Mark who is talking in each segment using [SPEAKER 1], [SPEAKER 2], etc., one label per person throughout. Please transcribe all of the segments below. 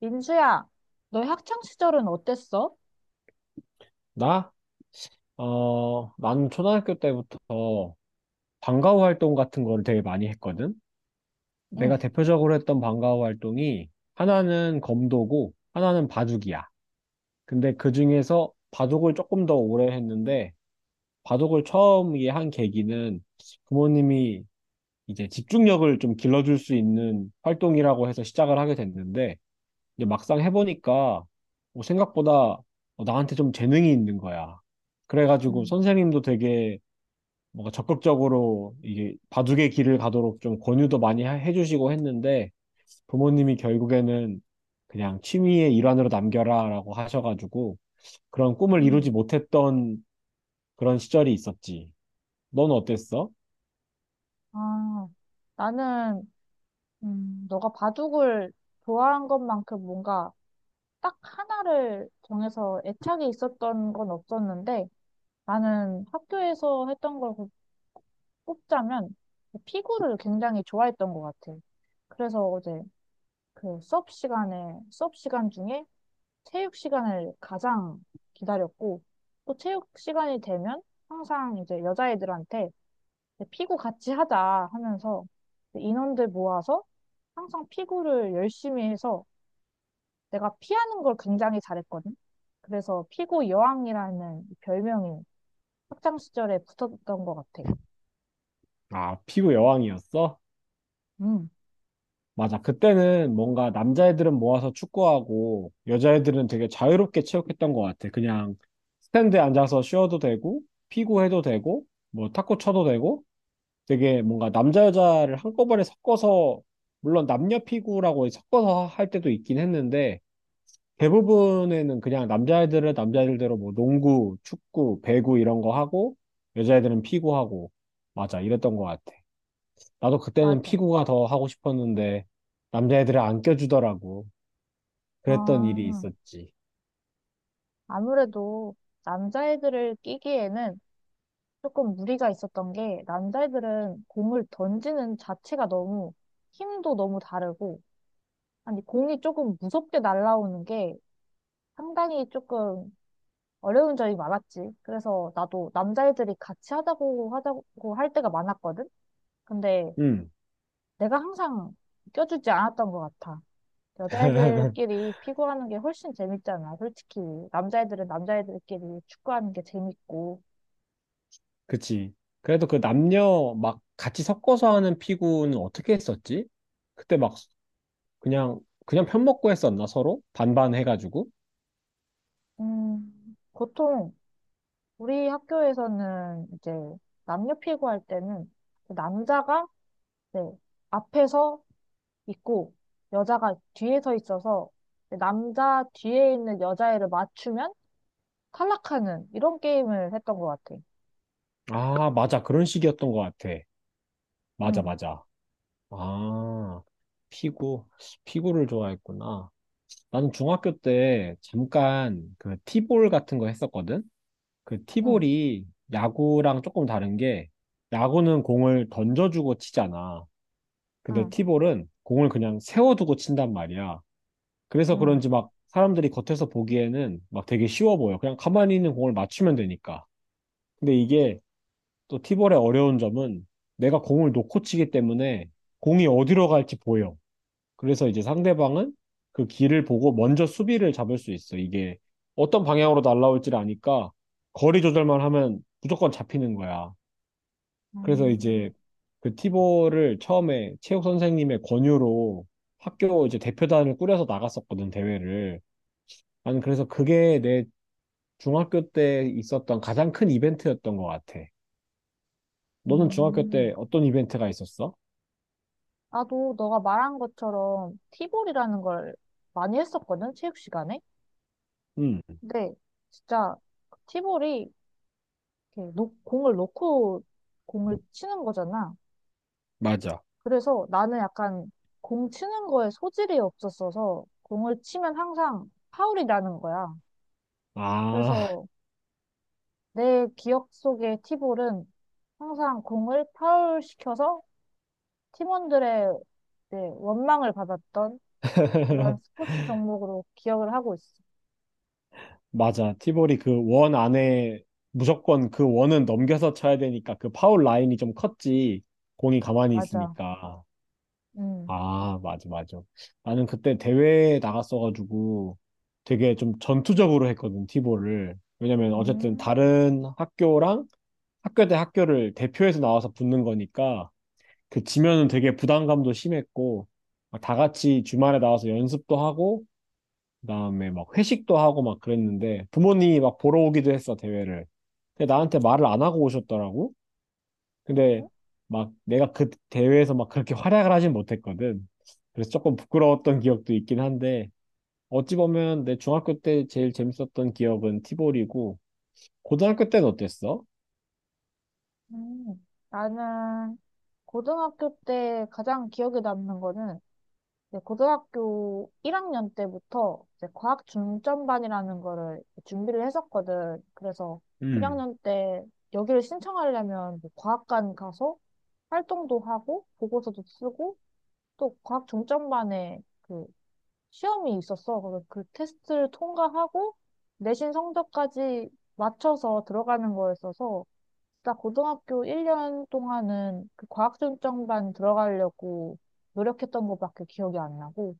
[SPEAKER 1] 민수야, 너의 학창 시절은 어땠어?
[SPEAKER 2] 나? 나는 초등학교 때부터 방과후 활동 같은 거를 되게 많이 했거든?
[SPEAKER 1] 응,
[SPEAKER 2] 내가 대표적으로 했던 방과후 활동이 하나는 검도고 하나는 바둑이야. 근데 그 중에서 바둑을 조금 더 오래 했는데 바둑을 처음에 한 계기는 부모님이 이제 집중력을 좀 길러줄 수 있는 활동이라고 해서 시작을 하게 됐는데 이제 막상 해보니까 뭐 생각보다 나한테 좀 재능이 있는 거야. 그래가지고
[SPEAKER 1] 음.
[SPEAKER 2] 선생님도 되게 뭔가 적극적으로 이게 바둑의 길을 가도록 좀 권유도 많이 해주시고 했는데 부모님이 결국에는 그냥 취미의 일환으로 남겨라라고 하셔가지고 그런 꿈을 이루지
[SPEAKER 1] 음.
[SPEAKER 2] 못했던 그런 시절이 있었지. 넌 어땠어?
[SPEAKER 1] 아, 나는 너가 바둑을 좋아한 것만큼 뭔가 딱 하나를 정해서 애착이 있었던 건 없었는데, 나는 학교에서 했던 걸 꼽자면 피구를 굉장히 좋아했던 것 같아. 그래서 어제 그 수업 시간 중에 체육 시간을 가장 기다렸고, 또 체육 시간이 되면 항상 이제 여자애들한테 피구 같이 하자 하면서 인원들 모아서 항상 피구를 열심히 해서 내가 피하는 걸 굉장히 잘했거든. 그래서 피구 여왕이라는 별명이 학창 시절에 붙었던 것 같아.
[SPEAKER 2] 아, 피구 여왕이었어?
[SPEAKER 1] 음,
[SPEAKER 2] 맞아. 그때는 뭔가 남자애들은 모아서 축구하고 여자애들은 되게 자유롭게 체육했던 것 같아. 그냥 스탠드에 앉아서 쉬어도 되고 피구해도 되고 뭐 탁구 쳐도 되고 되게 뭔가 남자 여자를 한꺼번에 섞어서 물론 남녀 피구라고 섞어서 할 때도 있긴 했는데 대부분에는 그냥 남자애들은 남자애들대로 뭐 농구, 축구, 배구 이런 거 하고 여자애들은 피구하고 맞아 이랬던 것 같아. 나도 그때는
[SPEAKER 1] 맞아.
[SPEAKER 2] 피구가 더 하고 싶었는데 남자애들을 안 껴주더라고. 그랬던 일이
[SPEAKER 1] 아,
[SPEAKER 2] 있었지.
[SPEAKER 1] 아무래도 남자애들을 끼기에는 조금 무리가 있었던 게, 남자애들은 공을 던지는 자체가 너무 힘도 너무 다르고, 아니 공이 조금 무섭게 날아오는 게 상당히 조금 어려운 점이 많았지. 그래서 나도 남자애들이 같이 하자고 할 때가 많았거든. 근데
[SPEAKER 2] 음.
[SPEAKER 1] 내가 항상 껴주지 않았던 것 같아. 여자애들끼리 피구하는 게 훨씬 재밌잖아, 솔직히. 남자애들은 남자애들끼리 축구하는 게 재밌고.
[SPEAKER 2] 그치. 그래도 그 남녀 막 같이 섞어서 하는 피구는 어떻게 했었지? 그때 막 그냥 그냥 편먹고 했었나 서로? 반반 해가지고?
[SPEAKER 1] 보통 우리 학교에서는 이제 남녀 피구할 때는 그 남자가, 네, 앞에서 있고 여자가 뒤에 서 있어서, 네, 남자 뒤에 있는 여자애를 맞추면 탈락하는 이런 게임을 했던 것 같아.
[SPEAKER 2] 아, 맞아. 그런 식이었던 것 같아. 맞아,
[SPEAKER 1] 응,
[SPEAKER 2] 맞아. 아, 피구. 피구를 좋아했구나. 나는 중학교 때 잠깐 그 티볼 같은 거 했었거든? 그
[SPEAKER 1] 응,
[SPEAKER 2] 티볼이 야구랑 조금 다른 게 야구는 공을 던져주고 치잖아. 근데
[SPEAKER 1] 응,
[SPEAKER 2] 티볼은 공을 그냥 세워두고 친단 말이야. 그래서
[SPEAKER 1] 응.
[SPEAKER 2] 그런지 막 사람들이 겉에서 보기에는 막 되게 쉬워 보여. 그냥 가만히 있는 공을 맞추면 되니까. 근데 이게 또 티볼의 어려운 점은 내가 공을 놓고 치기 때문에 공이 어디로 갈지 보여. 그래서 이제 상대방은 그 길을 보고 먼저 수비를 잡을 수 있어. 이게 어떤 방향으로 날아올지를 아니까 거리 조절만 하면 무조건 잡히는 거야. 그래서
[SPEAKER 1] 음,
[SPEAKER 2] 이제 그 티볼을 처음에 체육 선생님의 권유로 학교 이제 대표단을 꾸려서 나갔었거든, 대회를. 나는 그래서 그게 내 중학교 때 있었던 가장 큰 이벤트였던 것 같아. 너는 중학교 때
[SPEAKER 1] 음.
[SPEAKER 2] 어떤 이벤트가 있었어?
[SPEAKER 1] 나도 너가 말한 것처럼 티볼이라는 걸 많이 했었거든, 체육 시간에.
[SPEAKER 2] 음,
[SPEAKER 1] 근데 진짜 티볼이 이렇게 공을 놓고 공을 치는 거잖아.
[SPEAKER 2] 맞아.
[SPEAKER 1] 그래서 나는 약간 공 치는 거에 소질이 없었어서 공을 치면 항상 파울이 나는 거야.
[SPEAKER 2] 아,
[SPEAKER 1] 그래서 내 기억 속의 티볼은 항상 공을 파울시켜서 팀원들의 이제 원망을 받았던 이런 스포츠 종목으로 기억을 하고 있어.
[SPEAKER 2] 맞아. 티볼이 그 원 안에 무조건 그 원은 넘겨서 쳐야 되니까 그 파울 라인이 좀 컸지. 공이 가만히
[SPEAKER 1] 맞아.
[SPEAKER 2] 있으니까.
[SPEAKER 1] 음.
[SPEAKER 2] 아, 맞아, 맞아. 나는 그때 대회에 나갔어가지고 되게 좀 전투적으로 했거든, 티볼을. 왜냐면 어쨌든
[SPEAKER 1] 음.
[SPEAKER 2] 다른 학교랑 학교 대 학교를 대표해서 나와서 붙는 거니까 그 지면은 되게 부담감도 심했고 막 다 같이 주말에 나와서 연습도 하고 그다음에 막 회식도 하고 막 그랬는데 부모님이 막 보러 오기도 했어 대회를. 근데 나한테 말을 안 하고 오셨더라고. 근데
[SPEAKER 1] 음.
[SPEAKER 2] 막 내가 그 대회에서 막 그렇게 활약을 하진 못했거든. 그래서 조금 부끄러웠던 기억도 있긴 한데 어찌 보면 내 중학교 때 제일 재밌었던 기억은 티볼이고 고등학교 때는 어땠어?
[SPEAKER 1] 음. 나는 고등학교 때 가장 기억에 남는 거는, 네, 고등학교 1학년 때부터 이제 과학 중점반이라는 거를 준비를 했었거든. 그래서
[SPEAKER 2] 음.
[SPEAKER 1] 1학년 때 여기를 신청하려면 뭐 과학관 가서 활동도 하고 보고서도 쓰고 또 과학 중점반에 그 시험이 있었어. 그래서 그 테스트를 통과하고 내신 성적까지 맞춰서 들어가는 거였어서 진짜 고등학교 1년 동안은 그 과학 중점반 들어가려고 노력했던 것밖에 기억이 안 나고,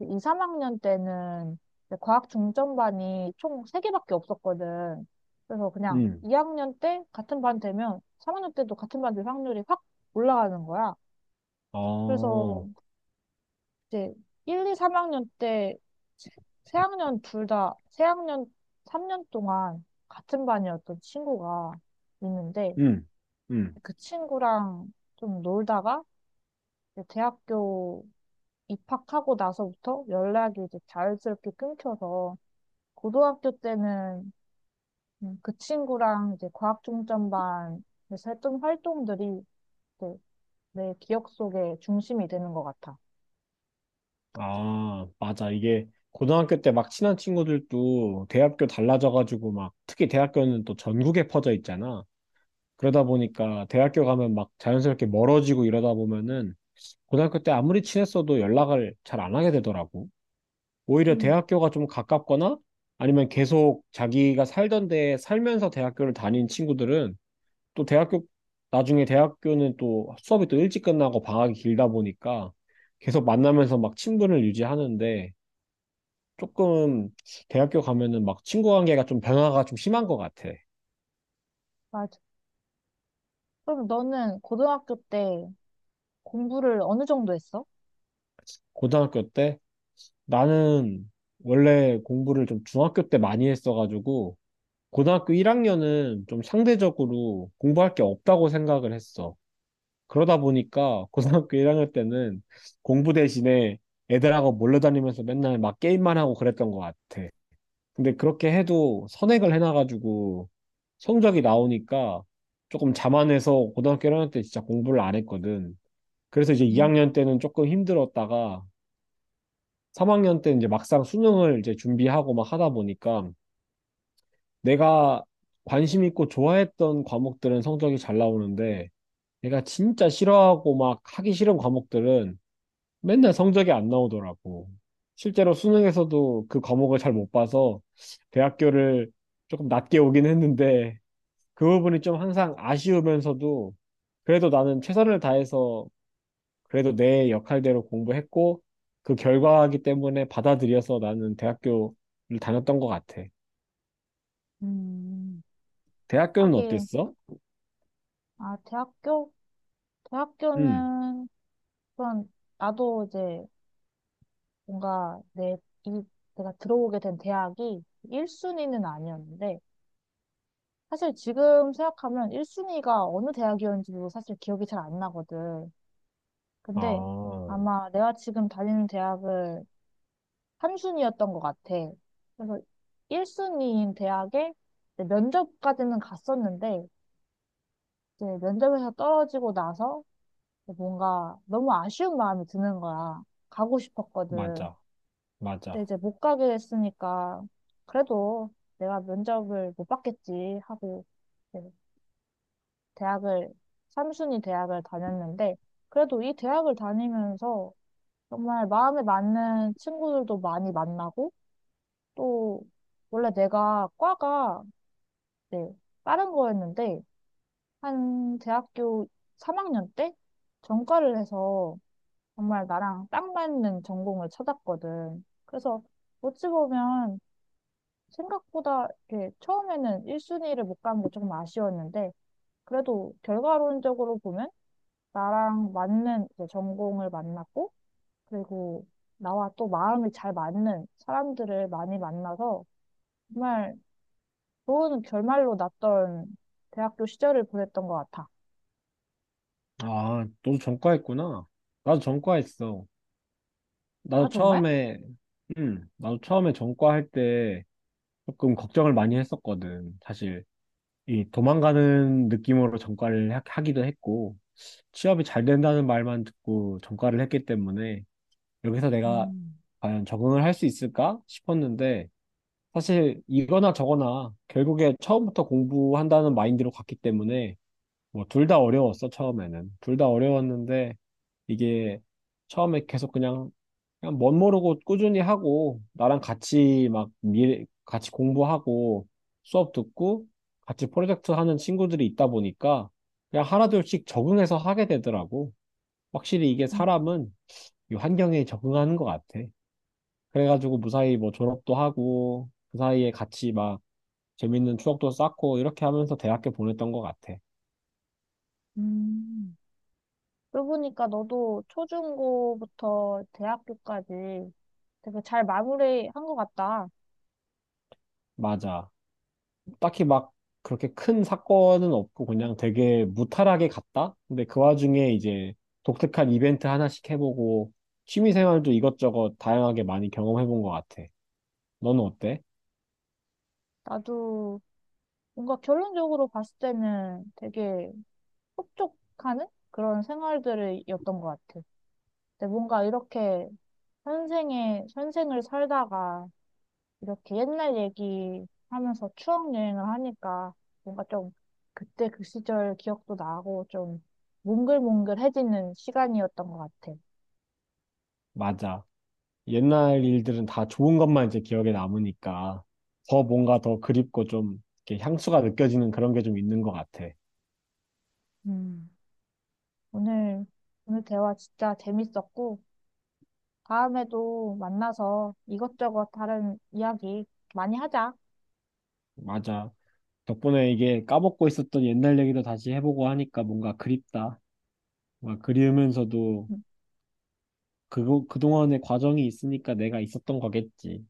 [SPEAKER 1] 2, 3학년 때는 이제 과학 중점반이 총 3개밖에 없었거든. 그래서 그냥
[SPEAKER 2] 음.
[SPEAKER 1] 2학년 때 같은 반 되면 3학년 때도 같은 반 될 확률이 확 올라가는 거야. 그래서
[SPEAKER 2] 어.
[SPEAKER 1] 이제 1, 2, 3학년 때 세, 세 학년 3년 동안 같은 반이었던 친구가 있는데,
[SPEAKER 2] 음. 음.
[SPEAKER 1] 그 친구랑 좀 놀다가 이제 대학교 입학하고 나서부터 연락이 이제 자연스럽게 끊겨서, 고등학교 때는 그 친구랑 이제 과학중점반에서 했던 활동들이 내 기억 속에 중심이 되는 것 같아.
[SPEAKER 2] 아, 맞아. 이게 고등학교 때 막 친한 친구들도 대학교 달라져가지고 막 특히 대학교는 또 전국에 퍼져 있잖아. 그러다 보니까 대학교 가면 막 자연스럽게 멀어지고 이러다 보면은 고등학교 때 아무리 친했어도 연락을 잘 안 하게 되더라고. 오히려
[SPEAKER 1] 음.
[SPEAKER 2] 대학교가 좀 가깝거나 아니면 계속 자기가 살던 데에 살면서 대학교를 다닌 친구들은 또 대학교, 나중에 대학교는 또 수업이 또 일찍 끝나고 방학이 길다 보니까 계속 만나면서 막 친분을 유지하는데 조금 대학교 가면은 막 친구 관계가 좀 변화가 좀 심한 것 같아.
[SPEAKER 1] 맞아. 그럼 너는 고등학교 때 공부를 어느 정도 했어?
[SPEAKER 2] 고등학교 때 나는 원래 공부를 좀 중학교 때 많이 했어가지고 고등학교 1학년은 좀 상대적으로 공부할 게 없다고 생각을 했어. 그러다 보니까 고등학교 1학년 때는 공부 대신에 애들하고 몰려다니면서 맨날 막 게임만 하고 그랬던 것 같아. 근데 그렇게 해도 선행을 해놔가지고 성적이 나오니까 조금 자만해서 고등학교 1학년 때 진짜 공부를 안 했거든. 그래서 이제
[SPEAKER 1] 음,
[SPEAKER 2] 2학년 때는 조금 힘들었다가 3학년 때는 이제 막상 수능을 이제 준비하고 막 하다 보니까 내가 관심 있고 좋아했던 과목들은 성적이 잘 나오는데 내가 진짜 싫어하고 막 하기 싫은 과목들은 맨날 성적이 안 나오더라고. 실제로 수능에서도 그 과목을 잘 못 봐서 대학교를 조금 낮게 오긴 했는데 그 부분이 좀 항상 아쉬우면서도 그래도 나는 최선을 다해서 그래도 내 역할대로 공부했고 그 결과이기 때문에 받아들여서 나는 대학교를 다녔던 것 같아.
[SPEAKER 1] 음,
[SPEAKER 2] 대학교는
[SPEAKER 1] 하긴,
[SPEAKER 2] 어땠어?
[SPEAKER 1] 아, 대학교?
[SPEAKER 2] 응.
[SPEAKER 1] 대학교는, 그런, 나도 이제 뭔가 이, 내가 들어오게 된 대학이 1순위는 아니었는데, 사실 지금 생각하면 1순위가 어느 대학이었는지도 사실 기억이 잘 안 나거든. 근데
[SPEAKER 2] 아,
[SPEAKER 1] 아마 내가 지금 다니는 대학을 한순위였던 것 같아. 그래서 1순위인 대학에 이제 면접까지는 갔었는데, 이제 면접에서 떨어지고 나서 뭔가 너무 아쉬운 마음이 드는 거야. 가고 싶었거든.
[SPEAKER 2] 맞아.
[SPEAKER 1] 근데
[SPEAKER 2] 맞아.
[SPEAKER 1] 이제 못 가게 됐으니까, 그래도 내가 면접을 못 받겠지 하고 대학을, 삼순위 대학을 다녔는데, 그래도 이 대학을 다니면서 정말 마음에 맞는 친구들도 많이 만나고, 또, 원래 내가 과가, 네, 다른 거였는데, 한 대학교 3학년 때 전과를 해서 정말 나랑 딱 맞는 전공을 찾았거든. 그래서 어찌 보면 생각보다 이렇게 처음에는 1순위를 못 간 게 조금 아쉬웠는데, 그래도 결과론적으로 보면 나랑 맞는 이제 전공을 만났고, 그리고 나와 또 마음이 잘 맞는 사람들을 많이 만나서 정말 좋은 결말로 났던 대학교 시절을 보냈던 것 같아.
[SPEAKER 2] 아, 너도 전과했구나. 나도 전과했어.
[SPEAKER 1] 아,
[SPEAKER 2] 나도
[SPEAKER 1] 정말?
[SPEAKER 2] 처음에, 응, 나도 처음에 전과할 때 조금 걱정을 많이 했었거든. 사실, 이 도망가는 느낌으로 전과를 하기도 했고, 취업이 잘 된다는 말만 듣고 전과를 했기 때문에 여기서 내가
[SPEAKER 1] 음.
[SPEAKER 2] 과연 적응을 할 수 있을까 싶었는데 사실 이거나 저거나 결국에 처음부터 공부한다는 마인드로 갔기 때문에 뭐 둘 다 어려웠어 처음에는 둘 다 어려웠는데 이게 처음에 계속 그냥 멋 모르고 꾸준히 하고 나랑 같이 막 미래 같이 공부하고 수업 듣고 같이 프로젝트 하는 친구들이 있다 보니까 그냥 하나둘씩 적응해서 하게 되더라고 확실히 이게
[SPEAKER 1] 음.
[SPEAKER 2] 사람은 이 환경에 적응하는 것 같아. 그래가지고 무사히 뭐 졸업도 하고 그 사이에 같이 막 재밌는 추억도 쌓고 이렇게 하면서 대학교 보냈던 것 같아.
[SPEAKER 1] 음. 그러고 보니까 너도 초중고부터 대학교까지 되게 잘 마무리한 것 같다.
[SPEAKER 2] 맞아. 딱히 막 그렇게 큰 사건은 없고 그냥 되게 무탈하게 갔다? 근데 그 와중에 이제 독특한 이벤트 하나씩 해보고 취미생활도 이것저것 다양하게 많이 경험해본 것 같아. 너는 어때?
[SPEAKER 1] 나도 뭔가 결론적으로 봤을 때는 되게 흡족하는 그런 생활들이었던 것 같아. 근데 뭔가 이렇게 현생을 살다가 이렇게 옛날 얘기 하면서 추억 여행을 하니까 뭔가 좀 그때 그 시절 기억도 나고 좀 몽글몽글해지는 시간이었던 것 같아.
[SPEAKER 2] 맞아. 옛날 일들은 다 좋은 것만 이제 기억에 남으니까 더 뭔가 더 그립고 좀 이렇게 향수가 느껴지는 그런 게 좀 있는 것 같아.
[SPEAKER 1] 음, 오늘, 오늘 대화 진짜 재밌었고, 다음에도 만나서 이것저것 다른 이야기 많이 하자.
[SPEAKER 2] 맞아. 덕분에 이게 까먹고 있었던 옛날 얘기도 다시 해보고 하니까 뭔가 그립다. 뭔가 그리우면서도
[SPEAKER 1] 음,
[SPEAKER 2] 그거, 그동안의 과정이 있으니까 내가 있었던 거겠지.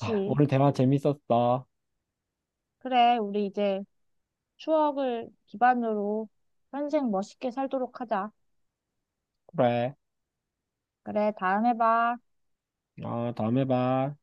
[SPEAKER 2] 아, 오늘 대화 재밌었어.
[SPEAKER 1] 그래, 우리 이제 추억을 기반으로 현생 멋있게 살도록 하자.
[SPEAKER 2] 그래.
[SPEAKER 1] 그래, 다음에 봐.
[SPEAKER 2] 아, 다음에 봐.